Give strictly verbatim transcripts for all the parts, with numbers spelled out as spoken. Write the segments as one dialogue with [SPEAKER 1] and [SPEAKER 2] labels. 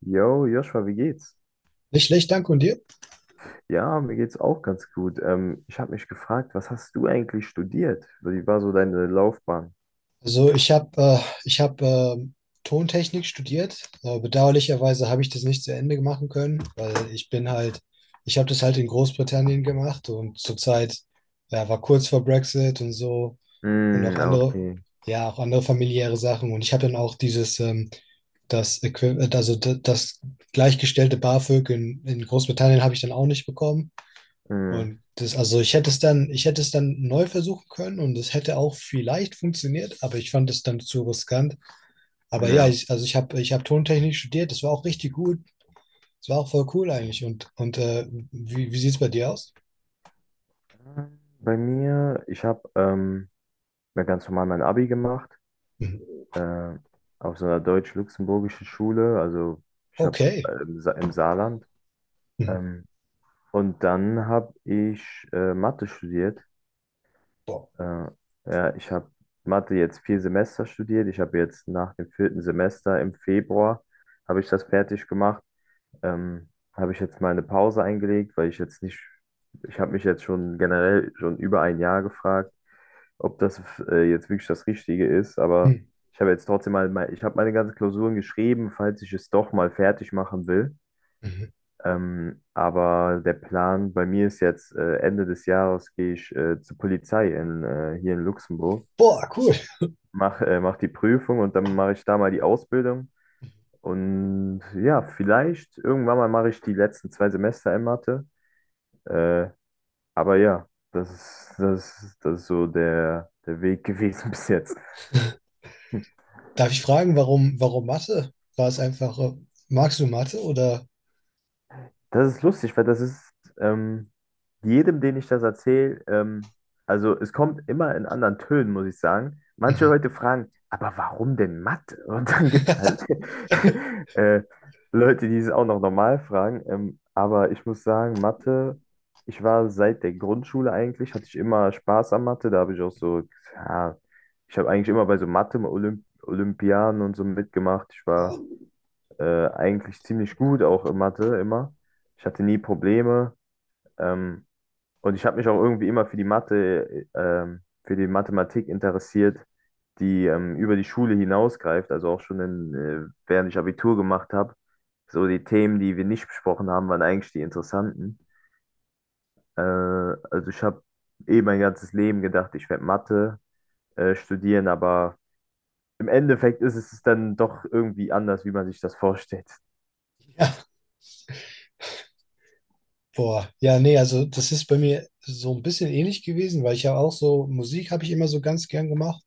[SPEAKER 1] Yo, Joshua, wie geht's?
[SPEAKER 2] Nicht schlecht, danke und dir?
[SPEAKER 1] Ja, mir geht's auch ganz gut. Ähm, ich habe mich gefragt, was hast du eigentlich studiert? Wie war so deine Laufbahn?
[SPEAKER 2] Also ich habe äh, ich hab, ähm, Tontechnik studiert. Äh, bedauerlicherweise habe ich das nicht zu Ende machen können, weil ich bin halt, ich habe das halt in Großbritannien gemacht und zurzeit, ja, war kurz vor Brexit und so und auch
[SPEAKER 1] Mm,
[SPEAKER 2] andere,
[SPEAKER 1] okay.
[SPEAKER 2] ja, auch andere familiäre Sachen. Und ich habe dann auch dieses, ähm, das, Equi- also d- das gleichgestellte BAföG in, in Großbritannien habe ich dann auch nicht bekommen.
[SPEAKER 1] Mm,
[SPEAKER 2] Und das, also ich hätte es dann, ich hätte es dann neu versuchen können und es hätte auch vielleicht funktioniert, aber ich fand es dann zu riskant. Aber ja,
[SPEAKER 1] ja.
[SPEAKER 2] ich, also ich habe, ich habe Tontechnik studiert, das war auch richtig gut. Das war auch voll cool eigentlich. Und, und äh, wie, wie sieht es bei dir aus?
[SPEAKER 1] Ähm, Bei mir, ich habe ähm, ja, ganz normal mein Abi gemacht,
[SPEAKER 2] Mhm.
[SPEAKER 1] äh, auf so einer deutsch-luxemburgischen Schule, also ich habe
[SPEAKER 2] Okay.
[SPEAKER 1] äh, im Sa- im Saarland.
[SPEAKER 2] Mhm.
[SPEAKER 1] Ähm, und dann habe ich äh, Mathe studiert.
[SPEAKER 2] Boah.
[SPEAKER 1] Äh, ja, ich habe Mathe jetzt vier Semester studiert. Ich habe jetzt nach dem vierten Semester im Februar habe ich das fertig gemacht. Ähm, habe ich jetzt mal eine Pause eingelegt, weil ich jetzt nicht, ich habe mich jetzt schon generell schon über ein Jahr gefragt, ob das äh, jetzt wirklich das Richtige ist. Aber
[SPEAKER 2] Mhm.
[SPEAKER 1] ich habe jetzt trotzdem mal, mein- ich habe meine ganzen Klausuren geschrieben, falls ich es doch mal fertig machen will.
[SPEAKER 2] Mhm.
[SPEAKER 1] Ähm, aber der Plan bei mir ist jetzt, äh, Ende des Jahres gehe ich äh, zur Polizei in, äh, hier in Luxemburg
[SPEAKER 2] Boah, cool.
[SPEAKER 1] mach, äh, mach die Prüfung und dann mache ich da mal die Ausbildung. Und ja, vielleicht irgendwann mal mache ich die letzten zwei Semester in Mathe. Äh, aber ja, das ist, das ist, das ist so der, der Weg gewesen bis jetzt.
[SPEAKER 2] Darf ich fragen, warum, warum Mathe? War es einfach, äh, magst du Mathe oder?
[SPEAKER 1] Das ist lustig, weil das ist ähm, jedem, den ich das erzähle, ähm, also es kommt immer in anderen Tönen, muss ich sagen. Manche
[SPEAKER 2] Mhm.
[SPEAKER 1] Leute fragen, aber warum denn Mathe? Und dann gibt es halt äh, Leute, die es auch noch normal fragen. Ähm, aber ich muss sagen, Mathe, ich war seit der Grundschule eigentlich, hatte ich immer Spaß an Mathe. Da habe ich auch so, ja, ich habe eigentlich immer bei so Mathe-Olympiaden und so mitgemacht. Ich war
[SPEAKER 2] Boah.
[SPEAKER 1] äh, eigentlich ziemlich gut, auch in Mathe immer. Ich hatte nie Probleme. Ähm, und ich habe mich auch irgendwie immer für die Mathe, äh, ähm, für die Mathematik interessiert, die ähm, über die Schule hinausgreift. Also auch schon in, äh, während ich Abitur gemacht habe. So die Themen, die wir nicht besprochen haben, waren eigentlich die interessanten. Äh, also ich habe eh mein ganzes Leben gedacht, ich werde Mathe äh, studieren, aber im Endeffekt ist es dann doch irgendwie anders, wie man sich das vorstellt.
[SPEAKER 2] Boah, ja, nee, also das ist bei mir so ein bisschen ähnlich gewesen, weil ich ja auch so, Musik habe ich immer so ganz gern gemacht.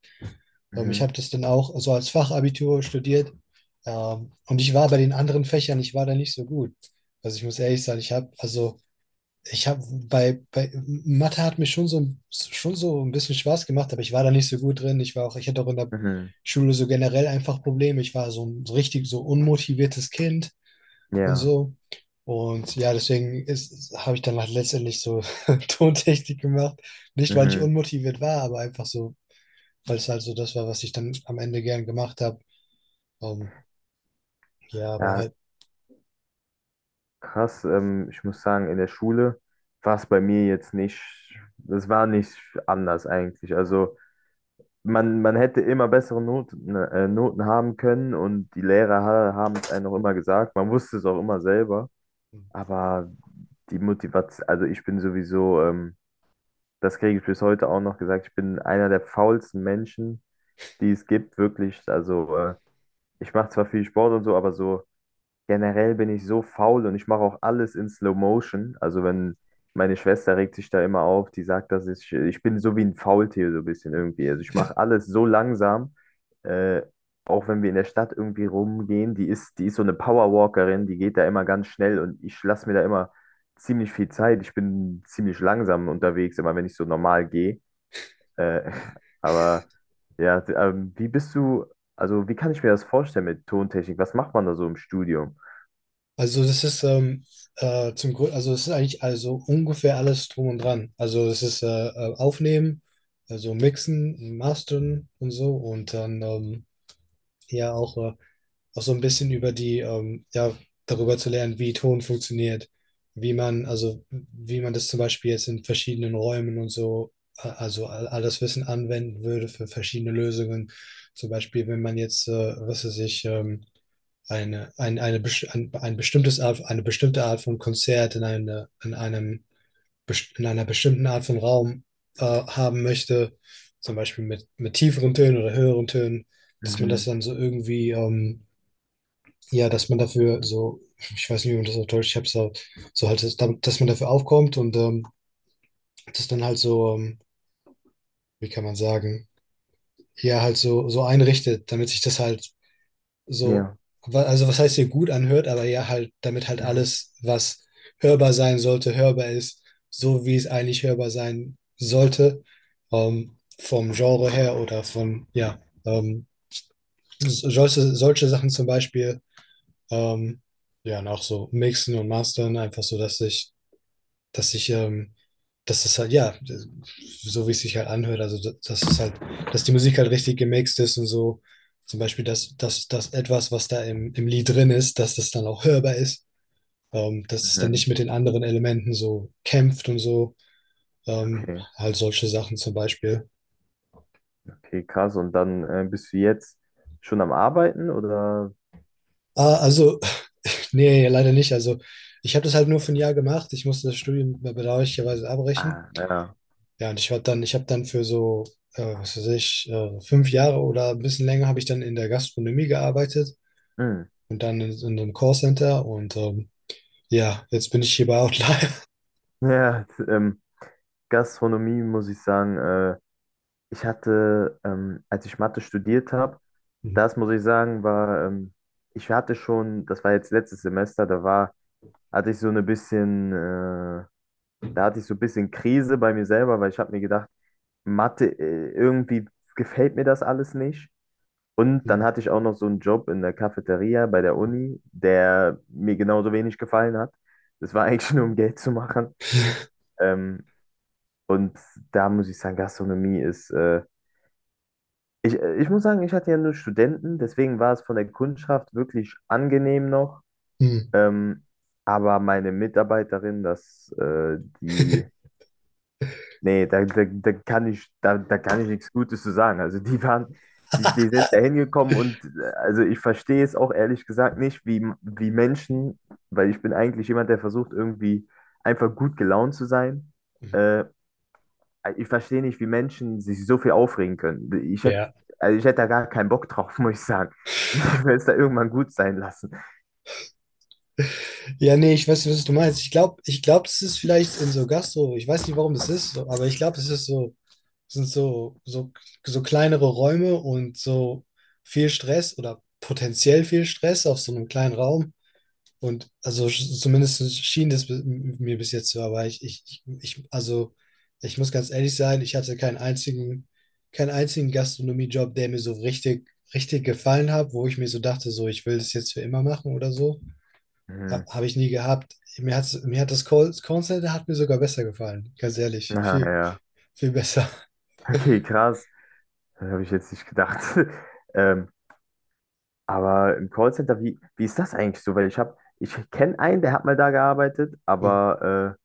[SPEAKER 2] Ähm, ich habe
[SPEAKER 1] Mhm.
[SPEAKER 2] das dann auch so als Fachabitur studiert. Ähm, und ich war bei den anderen Fächern, ich war da nicht so gut. Also ich muss ehrlich sagen, ich habe, also ich habe bei, bei Mathe hat mir schon so, schon so ein bisschen Spaß gemacht, aber ich war da nicht so gut drin. Ich war auch, ich hatte auch in der
[SPEAKER 1] Mhm.
[SPEAKER 2] Schule so generell einfach Probleme. Ich war so ein so richtig so unmotiviertes Kind und
[SPEAKER 1] Ja.
[SPEAKER 2] so. Und ja, deswegen ist, habe ich dann halt letztendlich so Tontechnik gemacht. Nicht, weil ich
[SPEAKER 1] Mhm.
[SPEAKER 2] unmotiviert war, aber einfach so, weil es halt so das war, was ich dann am Ende gern gemacht habe. Ähm, ja, aber
[SPEAKER 1] Ja,
[SPEAKER 2] halt,
[SPEAKER 1] krass. Ähm, ich muss sagen, in der Schule war es bei mir jetzt nicht, es war nicht anders eigentlich. Also man, man hätte immer bessere Noten, ne, äh, Noten haben können und die Lehrer ha haben es einem auch immer gesagt. Man wusste es auch immer selber. Aber die Motivation, also ich bin sowieso, ähm, das kriege ich bis heute auch noch gesagt, ich bin einer der faulsten Menschen, die es gibt, wirklich. Also äh, ich mache zwar viel Sport und so, aber so. Generell bin ich so faul und ich mache auch alles in Slow Motion. Also wenn meine Schwester regt sich da immer auf, die sagt, dass ich, ich bin so wie ein Faultier so ein bisschen irgendwie. Also ich mache alles so langsam. Äh, auch wenn wir in der Stadt irgendwie rumgehen, die ist, die ist so eine Powerwalkerin, die geht da immer ganz schnell und ich lasse mir da immer ziemlich viel Zeit. Ich bin ziemlich langsam unterwegs, immer wenn ich so normal gehe. Äh, aber ja, d- ähm, wie bist du, also wie kann ich mir das vorstellen mit Tontechnik? Was macht man da so im Studio?
[SPEAKER 2] also das ist ähm, äh, zum Grund, also es ist eigentlich also ungefähr alles drum und dran. Also es ist äh, äh, Aufnehmen, also Mixen, Mastern und so und dann ähm, ja auch äh, auch so ein bisschen über die, ähm, ja, darüber zu lernen, wie Ton funktioniert, wie man, also wie man das zum Beispiel jetzt in verschiedenen Räumen und so, äh, also all, all das Wissen anwenden würde für verschiedene Lösungen. Zum Beispiel, wenn man jetzt, äh, was weiß ich, ähm, eine, ein, eine, best- ein, ein bestimmtes Art, eine bestimmte Art von Konzert in, eine, in, einem, best- in einer bestimmten Art von Raum äh, haben möchte, zum Beispiel mit, mit tieferen Tönen oder höheren Tönen, dass man das
[SPEAKER 1] Mhm.
[SPEAKER 2] dann so irgendwie ähm, ja, dass man dafür so, ich weiß nicht, wie man das auf Deutsch, ich hab's so, so halt, dass, dass man dafür aufkommt und ähm, das dann halt so, ähm, wie kann man sagen, ja, halt so, so einrichtet, damit sich das halt so,
[SPEAKER 1] Ja.
[SPEAKER 2] wa- also was heißt hier gut anhört, aber ja, halt, damit halt alles, was hörbar sein sollte, hörbar ist, so wie es eigentlich hörbar sein sollte, ähm, vom Genre her oder von, ja, ähm, solche, solche Sachen zum Beispiel. Ähm, ja, und auch so mixen und mastern, einfach so, dass ich, dass ich, ähm, dass es halt, ja, so wie es sich halt anhört, also da- dass es halt, dass die Musik halt richtig gemixt ist und so, zum Beispiel, dass, dass, dass etwas, was da im, im Lied drin ist, dass das dann auch hörbar ist, ähm, dass es dann
[SPEAKER 1] Mhm.
[SPEAKER 2] nicht mit den anderen Elementen so kämpft und so, ähm,
[SPEAKER 1] Okay,
[SPEAKER 2] halt solche Sachen zum Beispiel.
[SPEAKER 1] okay, krass. Und dann äh, bist du jetzt schon am Arbeiten oder?
[SPEAKER 2] Ah, also, nee, leider nicht, also ich habe das halt nur für ein Jahr gemacht, ich musste das Studium bedauerlicherweise abbrechen.
[SPEAKER 1] Ah, ja.
[SPEAKER 2] Ja, und ich war dann, ich habe dann für so, äh, was weiß ich, äh, fünf Jahre oder ein bisschen länger habe ich dann in der Gastronomie gearbeitet
[SPEAKER 1] Mhm.
[SPEAKER 2] und dann in, in einem Callcenter und ähm, ja, jetzt bin ich hier bei Outlier.
[SPEAKER 1] Ja, t- ähm, Gastronomie muss ich sagen, äh, ich hatte, ähm, als ich Mathe studiert habe, das muss ich sagen, war, ähm, ich hatte schon, das war jetzt letztes Semester, da war, hatte ich so eine bisschen, äh, da hatte ich so ein bisschen Krise bei mir selber, weil ich habe mir gedacht, Mathe, äh, irgendwie gefällt mir das alles nicht. Und
[SPEAKER 2] Hm,
[SPEAKER 1] dann
[SPEAKER 2] hm,
[SPEAKER 1] hatte ich auch noch so einen Job in der Cafeteria bei der Uni, der mir genauso wenig gefallen hat. Das war eigentlich nur um Geld zu machen. Ähm, und da muss ich sagen, Gastronomie ist, äh, ich, ich muss sagen, ich hatte ja nur Studenten, deswegen war es von der Kundschaft wirklich angenehm noch.
[SPEAKER 2] hm.
[SPEAKER 1] Ähm, aber meine Mitarbeiterin, das, äh, die. Nee, da, da, da kann ich, da, da kann ich nichts Gutes zu sagen. Also die waren, die, die sind da hingekommen und äh, also ich verstehe es auch ehrlich gesagt nicht, wie, wie Menschen, weil ich bin eigentlich jemand, der versucht, irgendwie einfach gut gelaunt zu sein. Äh, ich verstehe nicht, wie Menschen sich so viel aufregen können. Ich hätte,
[SPEAKER 2] Ja.
[SPEAKER 1] also ich hätte da gar keinen Bock drauf, muss ich sagen. Ich will es da irgendwann gut sein lassen.
[SPEAKER 2] Ja, nee, ich weiß nicht, was du meinst. Ich glaube, ich glaub, das ist vielleicht in so Gastro, ich weiß nicht, warum das ist, so, aber ich glaube, es ist so, sind so, so, so kleinere Räume und so viel Stress oder potenziell viel Stress auf so einem kleinen Raum. Und also sch- zumindest schien das bi- mir bis jetzt so, aber ich, ich, ich, ich- also ich muss ganz ehrlich sein, ich hatte keinen einzigen, keinen einzigen Gastronomiejob, der mir so richtig, richtig gefallen hat, wo ich mir so dachte, so ich will das jetzt für immer machen oder so.
[SPEAKER 1] Hm.
[SPEAKER 2] Ha, habe ich nie gehabt. Mir hat, mir hat das Call, Callcenter hat mir sogar besser gefallen, ganz ehrlich.
[SPEAKER 1] Ah,
[SPEAKER 2] Viel,
[SPEAKER 1] ja.
[SPEAKER 2] viel besser.
[SPEAKER 1] Okay, krass. Das habe ich jetzt nicht gedacht. Ähm, Aber im Callcenter, wie, wie ist das eigentlich so? Weil ich habe, ich kenne einen, der hat mal da gearbeitet,
[SPEAKER 2] Hm.
[SPEAKER 1] aber äh,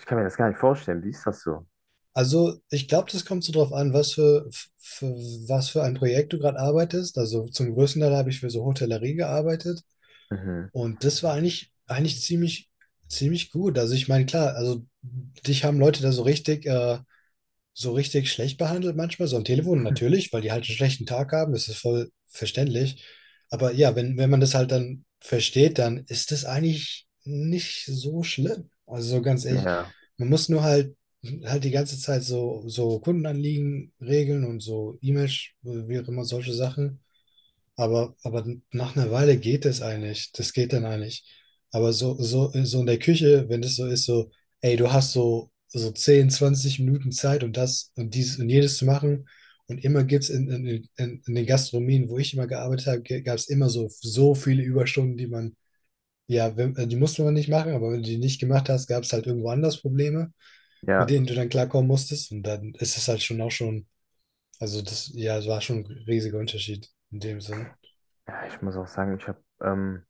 [SPEAKER 1] ich kann mir das gar nicht vorstellen. Wie ist das so?
[SPEAKER 2] Also, ich glaube, das kommt so drauf an, was für, für, was für ein Projekt du gerade arbeitest. Also, zum größten Teil habe ich für so Hotellerie gearbeitet.
[SPEAKER 1] Mhm.
[SPEAKER 2] Und das war eigentlich, eigentlich ziemlich, ziemlich gut. Also ich meine, klar, also dich haben Leute da so richtig, äh, so richtig schlecht behandelt manchmal, so am Telefon natürlich, weil die halt einen schlechten Tag haben, das ist voll verständlich. Aber ja, wenn, wenn man das halt dann versteht, dann ist das eigentlich nicht so schlimm. Also so ganz ehrlich,
[SPEAKER 1] Ja,
[SPEAKER 2] man muss nur halt halt die ganze Zeit so, so Kundenanliegen regeln und so E-Mails, wie auch immer solche Sachen. Aber, aber nach einer Weile geht das eigentlich. Das geht dann eigentlich. Aber so, so, so in der Küche, wenn das so ist, so, ey, du hast so, so zehn zwanzig Minuten Zeit und das und dieses und jenes zu machen. Und immer gibt es in, in, in, in den Gastronomien, wo ich immer gearbeitet habe, gab es immer so, so viele Überstunden, die man, ja, wenn, die musste man nicht machen, aber wenn du die nicht gemacht hast, gab es halt irgendwo anders Probleme, mit
[SPEAKER 1] ja.
[SPEAKER 2] denen du dann klarkommen musstest. Und dann ist es halt schon auch schon, also das, ja, es war schon ein riesiger Unterschied in dem Sinn.
[SPEAKER 1] Ja, ich muss auch sagen, ich habe ähm,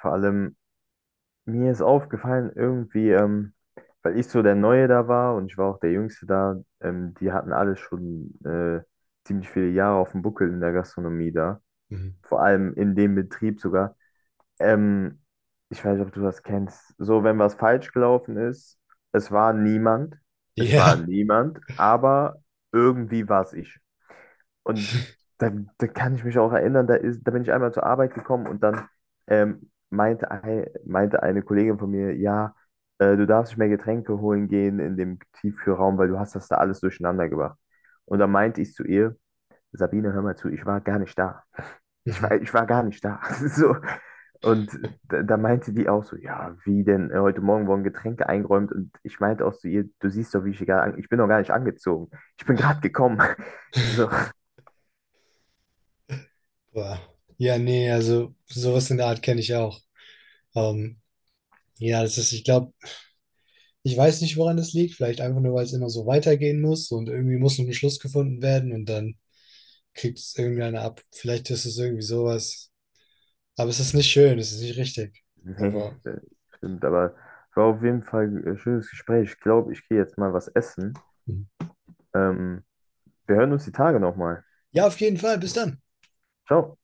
[SPEAKER 1] vor allem, mir ist aufgefallen, irgendwie, ähm, weil ich so der Neue da war und ich war auch der Jüngste da, ähm, die hatten alle schon äh, ziemlich viele Jahre auf dem Buckel in der Gastronomie da.
[SPEAKER 2] Mhm.
[SPEAKER 1] Vor allem in dem Betrieb sogar. Ähm, ich weiß nicht, ob du das kennst. So, wenn was falsch gelaufen ist, es war niemand, es war
[SPEAKER 2] Ja,
[SPEAKER 1] niemand, aber irgendwie war es ich. Und da, da kann ich mich auch erinnern, da ist, da bin ich einmal zur Arbeit gekommen und dann ähm, meinte, ein, meinte eine Kollegin von mir, ja, äh, du darfst nicht mehr Getränke holen gehen in dem Tiefkühlraum, weil du hast das da alles durcheinander gebracht. Und dann meinte ich zu ihr, Sabine, hör mal zu, ich war gar nicht da. Ich war,
[SPEAKER 2] Mhm.
[SPEAKER 1] ich war gar nicht da. So. Und da, da meinte die auch so, ja, wie denn, äh, heute Morgen wurden Getränke eingeräumt und ich meinte auch zu ihr, du siehst doch, wie ich hier gerade, an- ich bin doch gar nicht angezogen. Ich bin gerade gekommen. So,
[SPEAKER 2] Boah. Ja, nee, also sowas in der Art kenne ich auch. Ähm, ja, das ist, ich glaube, ich weiß nicht, woran das liegt. Vielleicht einfach nur, weil es immer so weitergehen muss und irgendwie muss noch ein Schluss gefunden werden und dann kriegt es irgendeiner ab. Vielleicht ist es irgendwie sowas. Aber es ist nicht schön, es ist nicht richtig.
[SPEAKER 1] nee,
[SPEAKER 2] Aber
[SPEAKER 1] äh, stimmt, aber war auf jeden Fall ein schönes Gespräch. Ich glaube, ich gehe jetzt mal was essen.
[SPEAKER 2] Mhm.
[SPEAKER 1] Ähm, wir hören uns die Tage nochmal.
[SPEAKER 2] ja, auf jeden Fall. Bis dann.
[SPEAKER 1] Ciao.